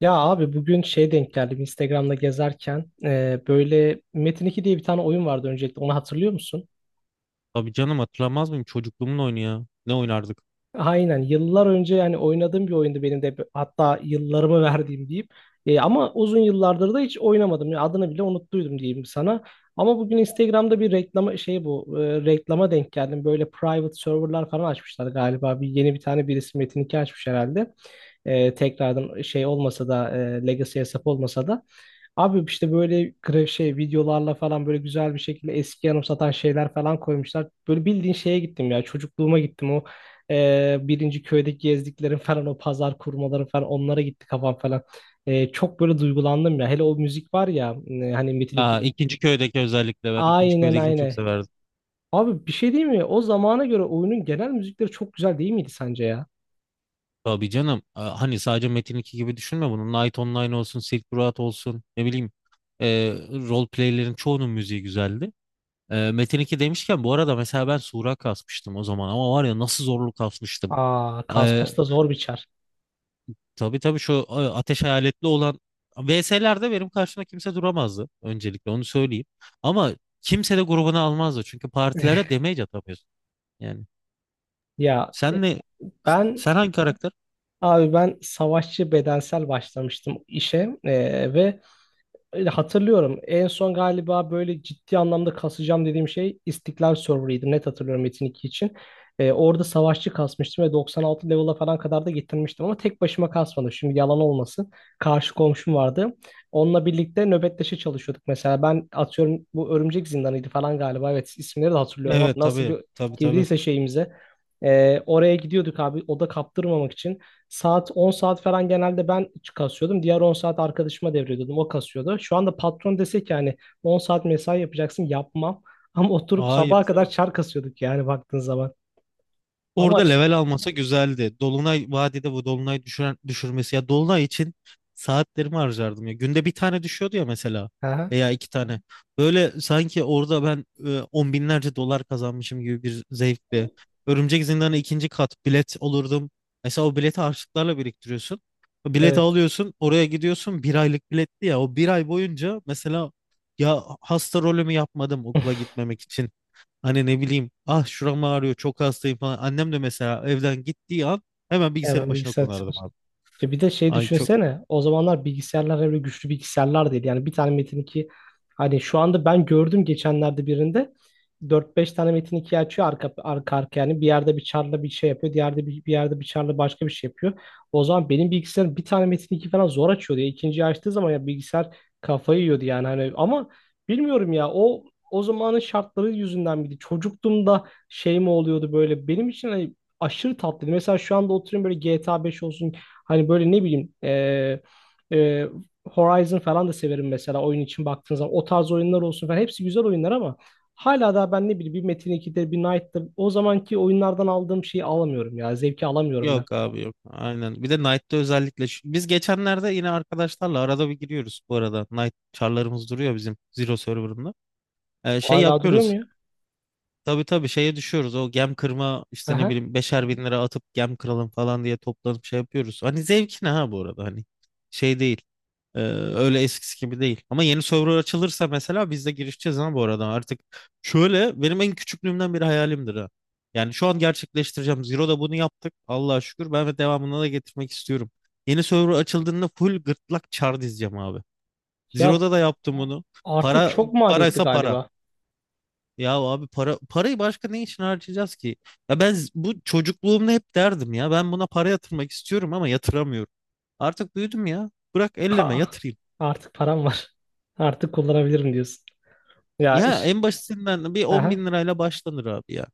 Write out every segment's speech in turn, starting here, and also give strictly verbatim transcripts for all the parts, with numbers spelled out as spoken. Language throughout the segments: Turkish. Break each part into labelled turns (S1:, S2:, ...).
S1: Ya abi bugün şey denk geldim Instagram'da gezerken e, böyle Metin iki diye bir tane oyun vardı. Öncelikle onu hatırlıyor musun?
S2: Tabii canım, hatırlamaz mıyım? Çocukluğumun oyunu ya. Ne oynardık?
S1: Aynen, yıllar önce yani oynadığım bir oyundu benim de, hatta yıllarımı verdiğim diyeyim. E, ama uzun yıllardır da hiç oynamadım ya, adını bile unuttuydum diyeyim sana. Ama bugün Instagram'da bir reklama şey bu e, reklama denk geldim. Böyle private serverlar falan açmışlar galiba, bir yeni bir tane birisi Metin iki açmış herhalde. E, tekrardan şey olmasa da e, Legacy hesap olmasa da. Abi işte böyle gra- şey videolarla falan böyle güzel bir şekilde eski anımsatan şeyler falan koymuşlar. Böyle bildiğin şeye gittim ya, çocukluğuma gittim. O e, birinci köydeki gezdiklerim falan, o pazar kurmaları falan, onlara gitti kafam falan. E, çok böyle duygulandım ya, hele o müzik var ya, e, hani Metin
S2: Aa,
S1: ikinin.
S2: ikinci köydeki, özellikle ben ikinci
S1: Aynen,
S2: köydekini çok
S1: aynen.
S2: severdim.
S1: Abi bir şey değil mi? O zamana göre oyunun genel müzikleri çok güzel değil miydi sence ya?
S2: Tabii canım. Aa, hani sadece Metin iki gibi düşünme bunu. Night Online olsun, Silk Road olsun. Ne bileyim. Ee, role play'lerin çoğunun müziği güzeldi. Ee, Metin iki demişken bu arada, mesela ben Sura kasmıştım o zaman. Ama var ya, nasıl zorluk kasmıştım.
S1: Aa,
S2: E,
S1: Kaspas da ay, zor biçer.
S2: Tabii tabii, şu e, ateş hayaletli olan V S'lerde benim karşımda kimse duramazdı, öncelikle onu söyleyeyim. Ama kimse de grubuna almazdı çünkü partilere damage atamıyorsun. Yani
S1: Ya e,
S2: sen ne
S1: ben
S2: sen hangi karakter?
S1: Abi ben savaşçı bedensel başlamıştım işe eee, ve öyle hatırlıyorum. En son galiba böyle ciddi anlamda kasacağım dediğim şey İstiklal Server'ıydı, net hatırlıyorum Metin iki için. Eee, orada savaşçı kasmıştım ve doksan altı level'a falan kadar da getirmiştim, ama tek başıma kasmadım, şimdi yalan olmasın, karşı komşum vardı. Onunla birlikte nöbetleşe çalışıyorduk. Mesela ben atıyorum bu Örümcek Zindanı'ydı falan galiba, evet, isimleri de hatırlıyorum. Ama
S2: Evet,
S1: nasıl
S2: tabii
S1: bir
S2: tabii tabii.
S1: girdiyse şeyimize. Ee, oraya gidiyorduk abi, oda kaptırmamak için. Saat on saat falan genelde ben kasıyordum. Diğer on saat arkadaşıma devrediyordum, o kasıyordu. Şu anda patron dese ki hani on saat mesai yapacaksın, yapmam. Ama oturup
S2: Hayır.
S1: sabaha kadar çar kasıyorduk yani baktığın zaman. Ama
S2: Orada level almasa güzeldi. Dolunay vadide, bu dolunay düşüren, düşürmesi ya, dolunay için saatlerimi harcardım ya. Günde bir tane düşüyordu ya, mesela,
S1: aha,
S2: veya iki tane. Böyle sanki orada ben e, on binlerce dolar kazanmışım gibi bir zevkle. Örümcek Zindanı ikinci kat bilet olurdum. Mesela o bileti harçlıklarla biriktiriyorsun. O bileti
S1: evet.
S2: alıyorsun, oraya gidiyorsun. Bir aylık biletti ya. O bir ay boyunca mesela ya hasta rolümü yapmadım okula gitmemek için. Hani ne bileyim, ah şuram ağrıyor çok hastayım falan. Annem de mesela evden gittiği an hemen
S1: Evet,
S2: bilgisayarın
S1: ben
S2: başına
S1: bilgisayar.
S2: konardım abi.
S1: E bir de şey
S2: Ay çok,
S1: düşünsene, o zamanlar bilgisayarlar öyle güçlü bilgisayarlar değil. Yani bir tane Metin iki, hani şu anda ben gördüm geçenlerde birinde dört beş tane Metin iki açıyor arka arka arka. Yani bir yerde bir charla bir şey yapıyor, diğerde bir, bir yerde bir charla başka bir şey yapıyor. O zaman benim bilgisayarım bir tane Metin iki falan zor açıyordu ya. İkinciyi açtığı zaman ya bilgisayar kafayı yiyordu yani. Hani ama bilmiyorum ya, o o zamanın şartları yüzünden miydi? Çocukluğumda şey mi oluyordu böyle? Benim için hani aşırı tatlıydı. Mesela şu anda oturuyorum böyle G T A beş olsun, hani böyle ne bileyim e, e, Horizon falan da severim mesela. Oyun için baktığınız zaman o tarz oyunlar olsun falan, hepsi güzel oyunlar, ama hala da ben ne bileyim bir Metin ikide, bir Knight'da o zamanki oyunlardan aldığım şeyi alamıyorum ya. Zevki alamıyorum ben.
S2: yok abi yok. Aynen. Bir de Knight'ta özellikle şu- biz geçenlerde yine arkadaşlarla arada bir giriyoruz bu arada. Knight çarlarımız duruyor bizim Zero Server'ında. Ee, şey
S1: Hala duruyor mu
S2: yapıyoruz.
S1: ya?
S2: Tabii tabii, şeye düşüyoruz. O gem kırma işte, ne
S1: Aha.
S2: bileyim, beşer bin lira atıp gem kıralım falan diye toplanıp şey yapıyoruz. Hani zevkine ha, bu arada, hani şey değil. Ee, öyle eskisi gibi değil. Ama yeni server açılırsa mesela biz de girişeceğiz ha, bu arada, artık. Şöyle, benim en küçüklüğümden beri hayalimdir ha. Yani şu an gerçekleştireceğim. Zero'da bunu yaptık, Allah'a şükür. Ben ve devamını da getirmek istiyorum. Yeni server açıldığında full gırtlak çar dizeceğim abi.
S1: Ya
S2: Zero'da da yaptım bunu.
S1: artık
S2: Para
S1: çok maliyetli
S2: paraysa para.
S1: galiba.
S2: Ya abi, para parayı başka ne için harcayacağız ki? Ya ben z- bu çocukluğumda hep derdim ya, ben buna para yatırmak istiyorum ama yatıramıyorum. Artık büyüdüm ya. Bırak elleme,
S1: Ha,
S2: yatırayım.
S1: artık param var. Artık kullanabilirim diyorsun. Ya
S2: Ya
S1: iş.
S2: en basitinden bir 10
S1: Aha.
S2: bin lirayla başlanır abi ya.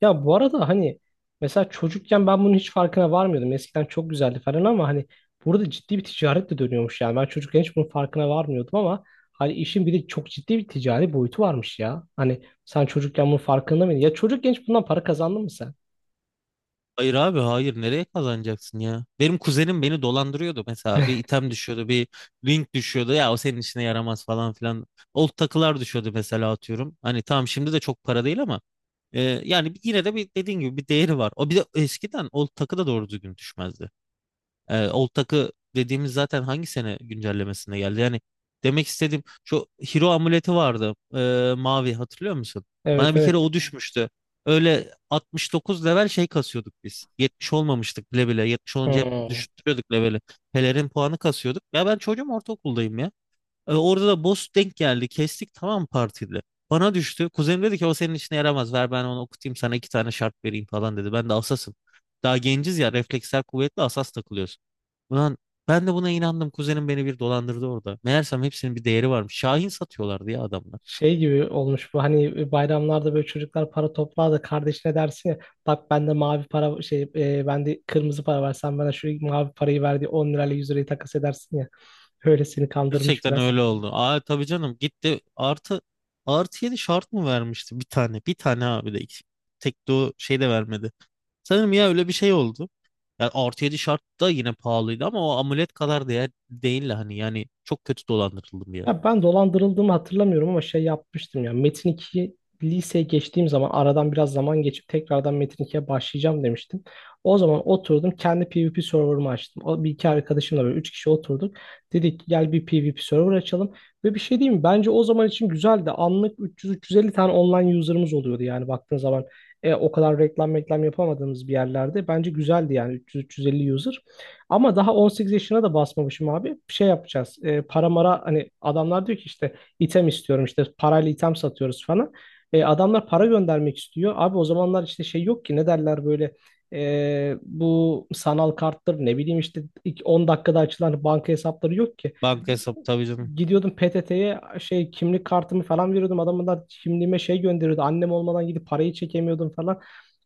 S1: Ya bu arada hani mesela çocukken ben bunun hiç farkına varmıyordum. Eskiden çok güzeldi falan, ama hani burada ciddi bir ticaret de dönüyormuş yani. Ben çocukken hiç bunun farkına varmıyordum, ama hani işin bir de çok ciddi bir ticari boyutu varmış ya. Hani sen çocukken bunun farkında mıydın? Ya çocukken hiç bundan para kazandın mı sen?
S2: Hayır abi hayır, nereye kazanacaksın ya? Benim kuzenim beni dolandırıyordu, mesela bir item düşüyordu, bir link düşüyordu ya, o senin işine yaramaz falan filan. Old takılar düşüyordu mesela, atıyorum. Hani tamam, şimdi de çok para değil ama e, yani yine de, bir dediğin gibi, bir değeri var. O bir de eskiden old takı da doğru düzgün düşmezdi. E, Old Tak'ı dediğimiz zaten hangi sene güncellemesinde geldi? Yani demek istediğim şu, Hero amuleti vardı, e, mavi, hatırlıyor musun? Bana
S1: Evet,
S2: bir kere
S1: evet.
S2: o düşmüştü. Öyle altmış dokuz level şey kasıyorduk biz. yetmiş olmamıştık bile bile. yetmiş olunca hep
S1: Hmm.
S2: düşürüyorduk leveli. Pelerin puanı kasıyorduk. Ya ben çocuğum, ortaokuldayım ya. E, orada da boss denk geldi. Kestik, tamam, partide. Bana düştü. Kuzenim dedi ki, o senin işine yaramaz, ver ben onu okutayım, sana iki tane şart vereyim falan dedi. Ben de asasım. Daha genciz ya, refleksler kuvvetli, asas takılıyoruz. Ulan, ben de buna inandım. Kuzenim beni bir dolandırdı orada. Meğersem hepsinin bir değeri varmış. Şahin satıyorlardı ya adamlar.
S1: Şey gibi olmuş bu, hani bayramlarda böyle çocuklar para toplar da kardeşine dersin ya, bak bende mavi para şey e, bende kırmızı para var, sen bana şu mavi parayı ver diye on lirayla yüz lirayı takas edersin ya, öyle seni kandırmış
S2: Gerçekten
S1: biraz.
S2: öyle oldu. Aa, tabii canım, gitti. Artı, artı yedi şart mı vermişti bir tane? Bir tane abi, de tek do şey de vermedi. Sanırım ya, öyle bir şey oldu. Yani artı yedi şart da yine pahalıydı ama o amulet kadar değer değil hani, yani çok kötü dolandırıldım ya.
S1: Ya ben dolandırıldığımı hatırlamıyorum ama şey yapmıştım ya. Metin iki, liseye geçtiğim zaman, aradan biraz zaman geçip tekrardan Metin ikiye başlayacağım demiştim. O zaman oturdum, kendi PvP server'ımı açtım. O bir iki arkadaşımla böyle üç kişi oturduk, dedik ki gel bir PvP server açalım. Ve bir şey diyeyim mi? Bence o zaman için güzeldi. Anlık üç yüz üç yüz elli tane online user'ımız oluyordu yani baktığın zaman. E, o kadar reklam reklam yapamadığımız bir yerlerde bence güzeldi yani üç yüz üç yüz elli user. Ama daha on sekiz yaşına da basmamışım abi. Şey yapacağız. E, para mara, hani adamlar diyor ki işte item istiyorum, işte parayla item satıyoruz falan. E, adamlar para göndermek istiyor. Abi o zamanlar işte şey yok ki, ne derler böyle, e, bu sanal karttır, ne bileyim, işte ilk on dakikada açılan banka hesapları yok ki.
S2: Banka hesabı, tabii canım.
S1: Gidiyordum P T T'ye, şey kimlik kartımı falan veriyordum. Adamlar kimliğime şey gönderiyordu, annem olmadan gidip parayı çekemiyordum falan.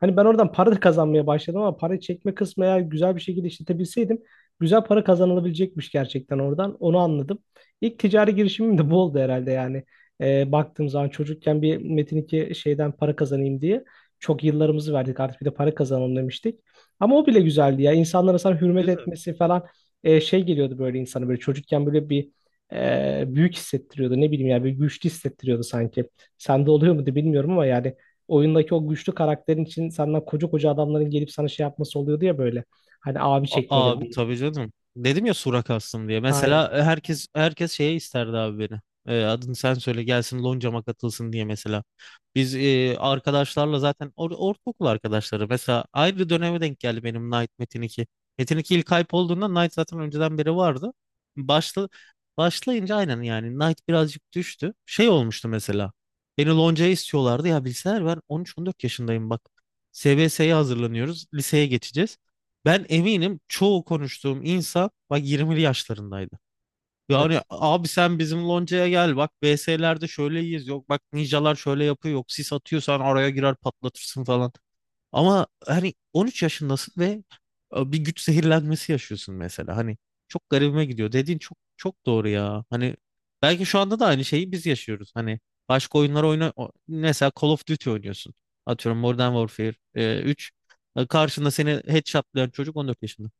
S1: Hani ben oradan para da kazanmaya başladım, ama parayı çekme kısmı eğer güzel bir şekilde işletebilseydim güzel para kazanılabilecekmiş gerçekten oradan. Onu anladım. İlk ticari girişimim de bu oldu herhalde yani. Ee, baktığım zaman çocukken bir Metin iki şeyden para kazanayım diye çok yıllarımızı verdik, artık bir de para kazanalım demiştik. Ama o bile güzeldi ya. İnsanlara sana hürmet
S2: Güzel.
S1: etmesi falan, e, şey geliyordu böyle insana, böyle çocukken böyle bir e, büyük hissettiriyordu. Ne bileyim yani, bir güçlü hissettiriyordu sanki. Sende oluyor mu muydu bilmiyorum ama yani oyundaki o güçlü karakterin için senden koca koca adamların gelip sana şey yapması oluyordu ya böyle. Hani abi
S2: A-
S1: çekmeleri
S2: Abi,
S1: diye.
S2: tabii canım. Dedim ya Surak aslında diye.
S1: Aynen.
S2: Mesela herkes herkes şeye isterdi abi beni. Ee, adını sen söyle gelsin loncama katılsın diye mesela. Biz e, arkadaşlarla zaten or ortaokul arkadaşları. Mesela ayrı döneme denk geldi benim Knight Metin iki. Metin iki ilk hype olduğunda Knight zaten önceden beri vardı. Başla başlayınca aynen yani Knight birazcık düştü. Şey olmuştu mesela. Beni loncaya istiyorlardı ya, bilseler ben on üç on dört yaşındayım bak. S B S'ye hazırlanıyoruz. Liseye geçeceğiz. Ben eminim çoğu konuştuğum insan, bak, yirmili yaşlarındaydı. Yani
S1: Evet.
S2: abi sen bizim loncaya gel, bak B S'lerde şöyleyiz, yok bak ninjalar şöyle yapıyor, yok sis atıyorsan araya girer patlatırsın falan. Ama hani on üç yaşındasın ve e, bir güç zehirlenmesi yaşıyorsun mesela. Hani çok garibime gidiyor. Dediğin çok çok doğru ya. Hani belki şu anda da aynı şeyi biz yaşıyoruz. Hani başka oyunlar oyna, o- mesela Call of Duty oynuyorsun. Atıyorum Modern Warfare e, üç. E, Karşında seni headshotlayan çocuk on dört yaşında.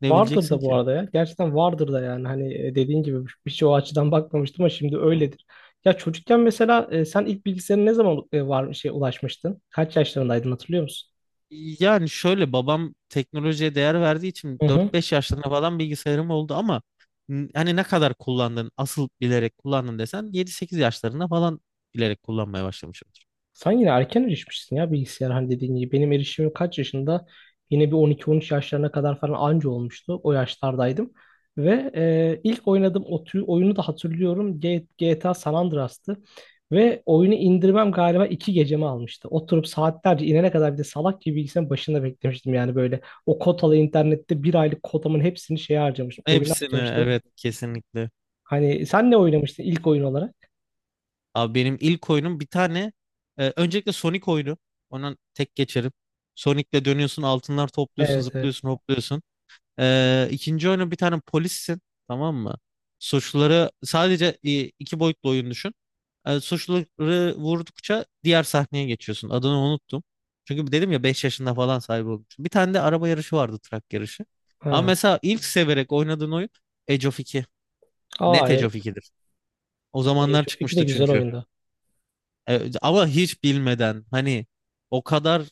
S2: Ne
S1: Vardır
S2: bileceksin
S1: da bu
S2: ki?
S1: arada ya. Gerçekten vardır da yani. Hani e, dediğin gibi bir şey, o açıdan bakmamıştım, ama şimdi öyledir. Ya çocukken mesela, e, sen ilk bilgisayarın ne zaman e, var şey ulaşmıştın? Kaç yaşlarındaydın hatırlıyor musun?
S2: Yani şöyle, babam teknolojiye değer verdiği için
S1: Hı hı.
S2: dört beş yaşlarında falan bilgisayarım oldu ama n- hani ne kadar kullandın, asıl bilerek kullandın desen yedi sekiz yaşlarında falan bilerek kullanmaya başlamışımdır.
S1: Sen yine erken erişmişsin ya bilgisayar hani dediğin gibi. Benim erişimim kaç yaşında? Yine bir on iki on üç yaşlarına kadar falan anca olmuştu. O yaşlardaydım. Ve e, ilk oynadığım o tür- oyunu da hatırlıyorum. G- GTA San Andreas'tı. Ve oyunu indirmem galiba iki gecemi almıştı. Oturup saatlerce inene kadar bir de salak gibi bilgisayarın başında beklemiştim. Yani böyle o kotalı internette bir aylık kotamın hepsini şeye harcamıştım,
S2: Ha.
S1: oyuna
S2: Hepsini,
S1: harcamıştım.
S2: evet, kesinlikle.
S1: Hani sen ne oynamıştın ilk oyun olarak?
S2: Abi benim ilk oyunum bir tane, e, öncelikle Sonic oyunu. Ondan tek geçerim. Sonic'le dönüyorsun, altınlar topluyorsun,
S1: Evet, evet.
S2: zıplıyorsun, hopluyorsun. Ee, ikinci oyunu, bir tane polissin, tamam mı? Suçluları, sadece e, iki boyutlu oyun düşün. Ee, suçluları vurdukça diğer sahneye geçiyorsun. Adını unuttum. Çünkü dedim ya, beş yaşında falan sahibi olmuştum. Bir tane de araba yarışı vardı, trak yarışı. Ama
S1: Ha.
S2: mesela ilk severek oynadığın oyun Age of iki.
S1: Aa,
S2: Net Age
S1: e,
S2: of ikidir. O
S1: e,
S2: zamanlar
S1: çok fikir de
S2: çıkmıştı
S1: güzel
S2: çünkü.
S1: oyundu.
S2: E, ama hiç bilmeden hani, o kadar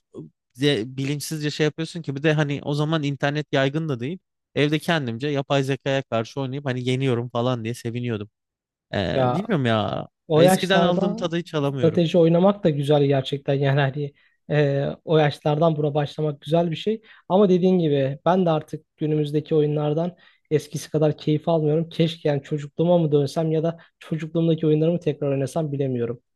S2: de- bilinçsizce şey yapıyorsun ki, bir de hani o zaman internet yaygın da değil. Evde kendimce yapay zekaya karşı oynayıp hani yeniyorum falan diye seviniyordum. E,
S1: Ya
S2: bilmiyorum ya.
S1: o
S2: Eskiden aldığım
S1: yaşlarda
S2: tadı hiç
S1: strateji
S2: alamıyorum.
S1: oynamak da güzel gerçekten yani, hani e, o yaşlardan buna başlamak güzel bir şey. Ama dediğin gibi ben de artık günümüzdeki oyunlardan eskisi kadar keyif almıyorum. Keşke, yani çocukluğuma mı dönsem ya da çocukluğumdaki oyunlarımı tekrar oynasam, bilemiyorum.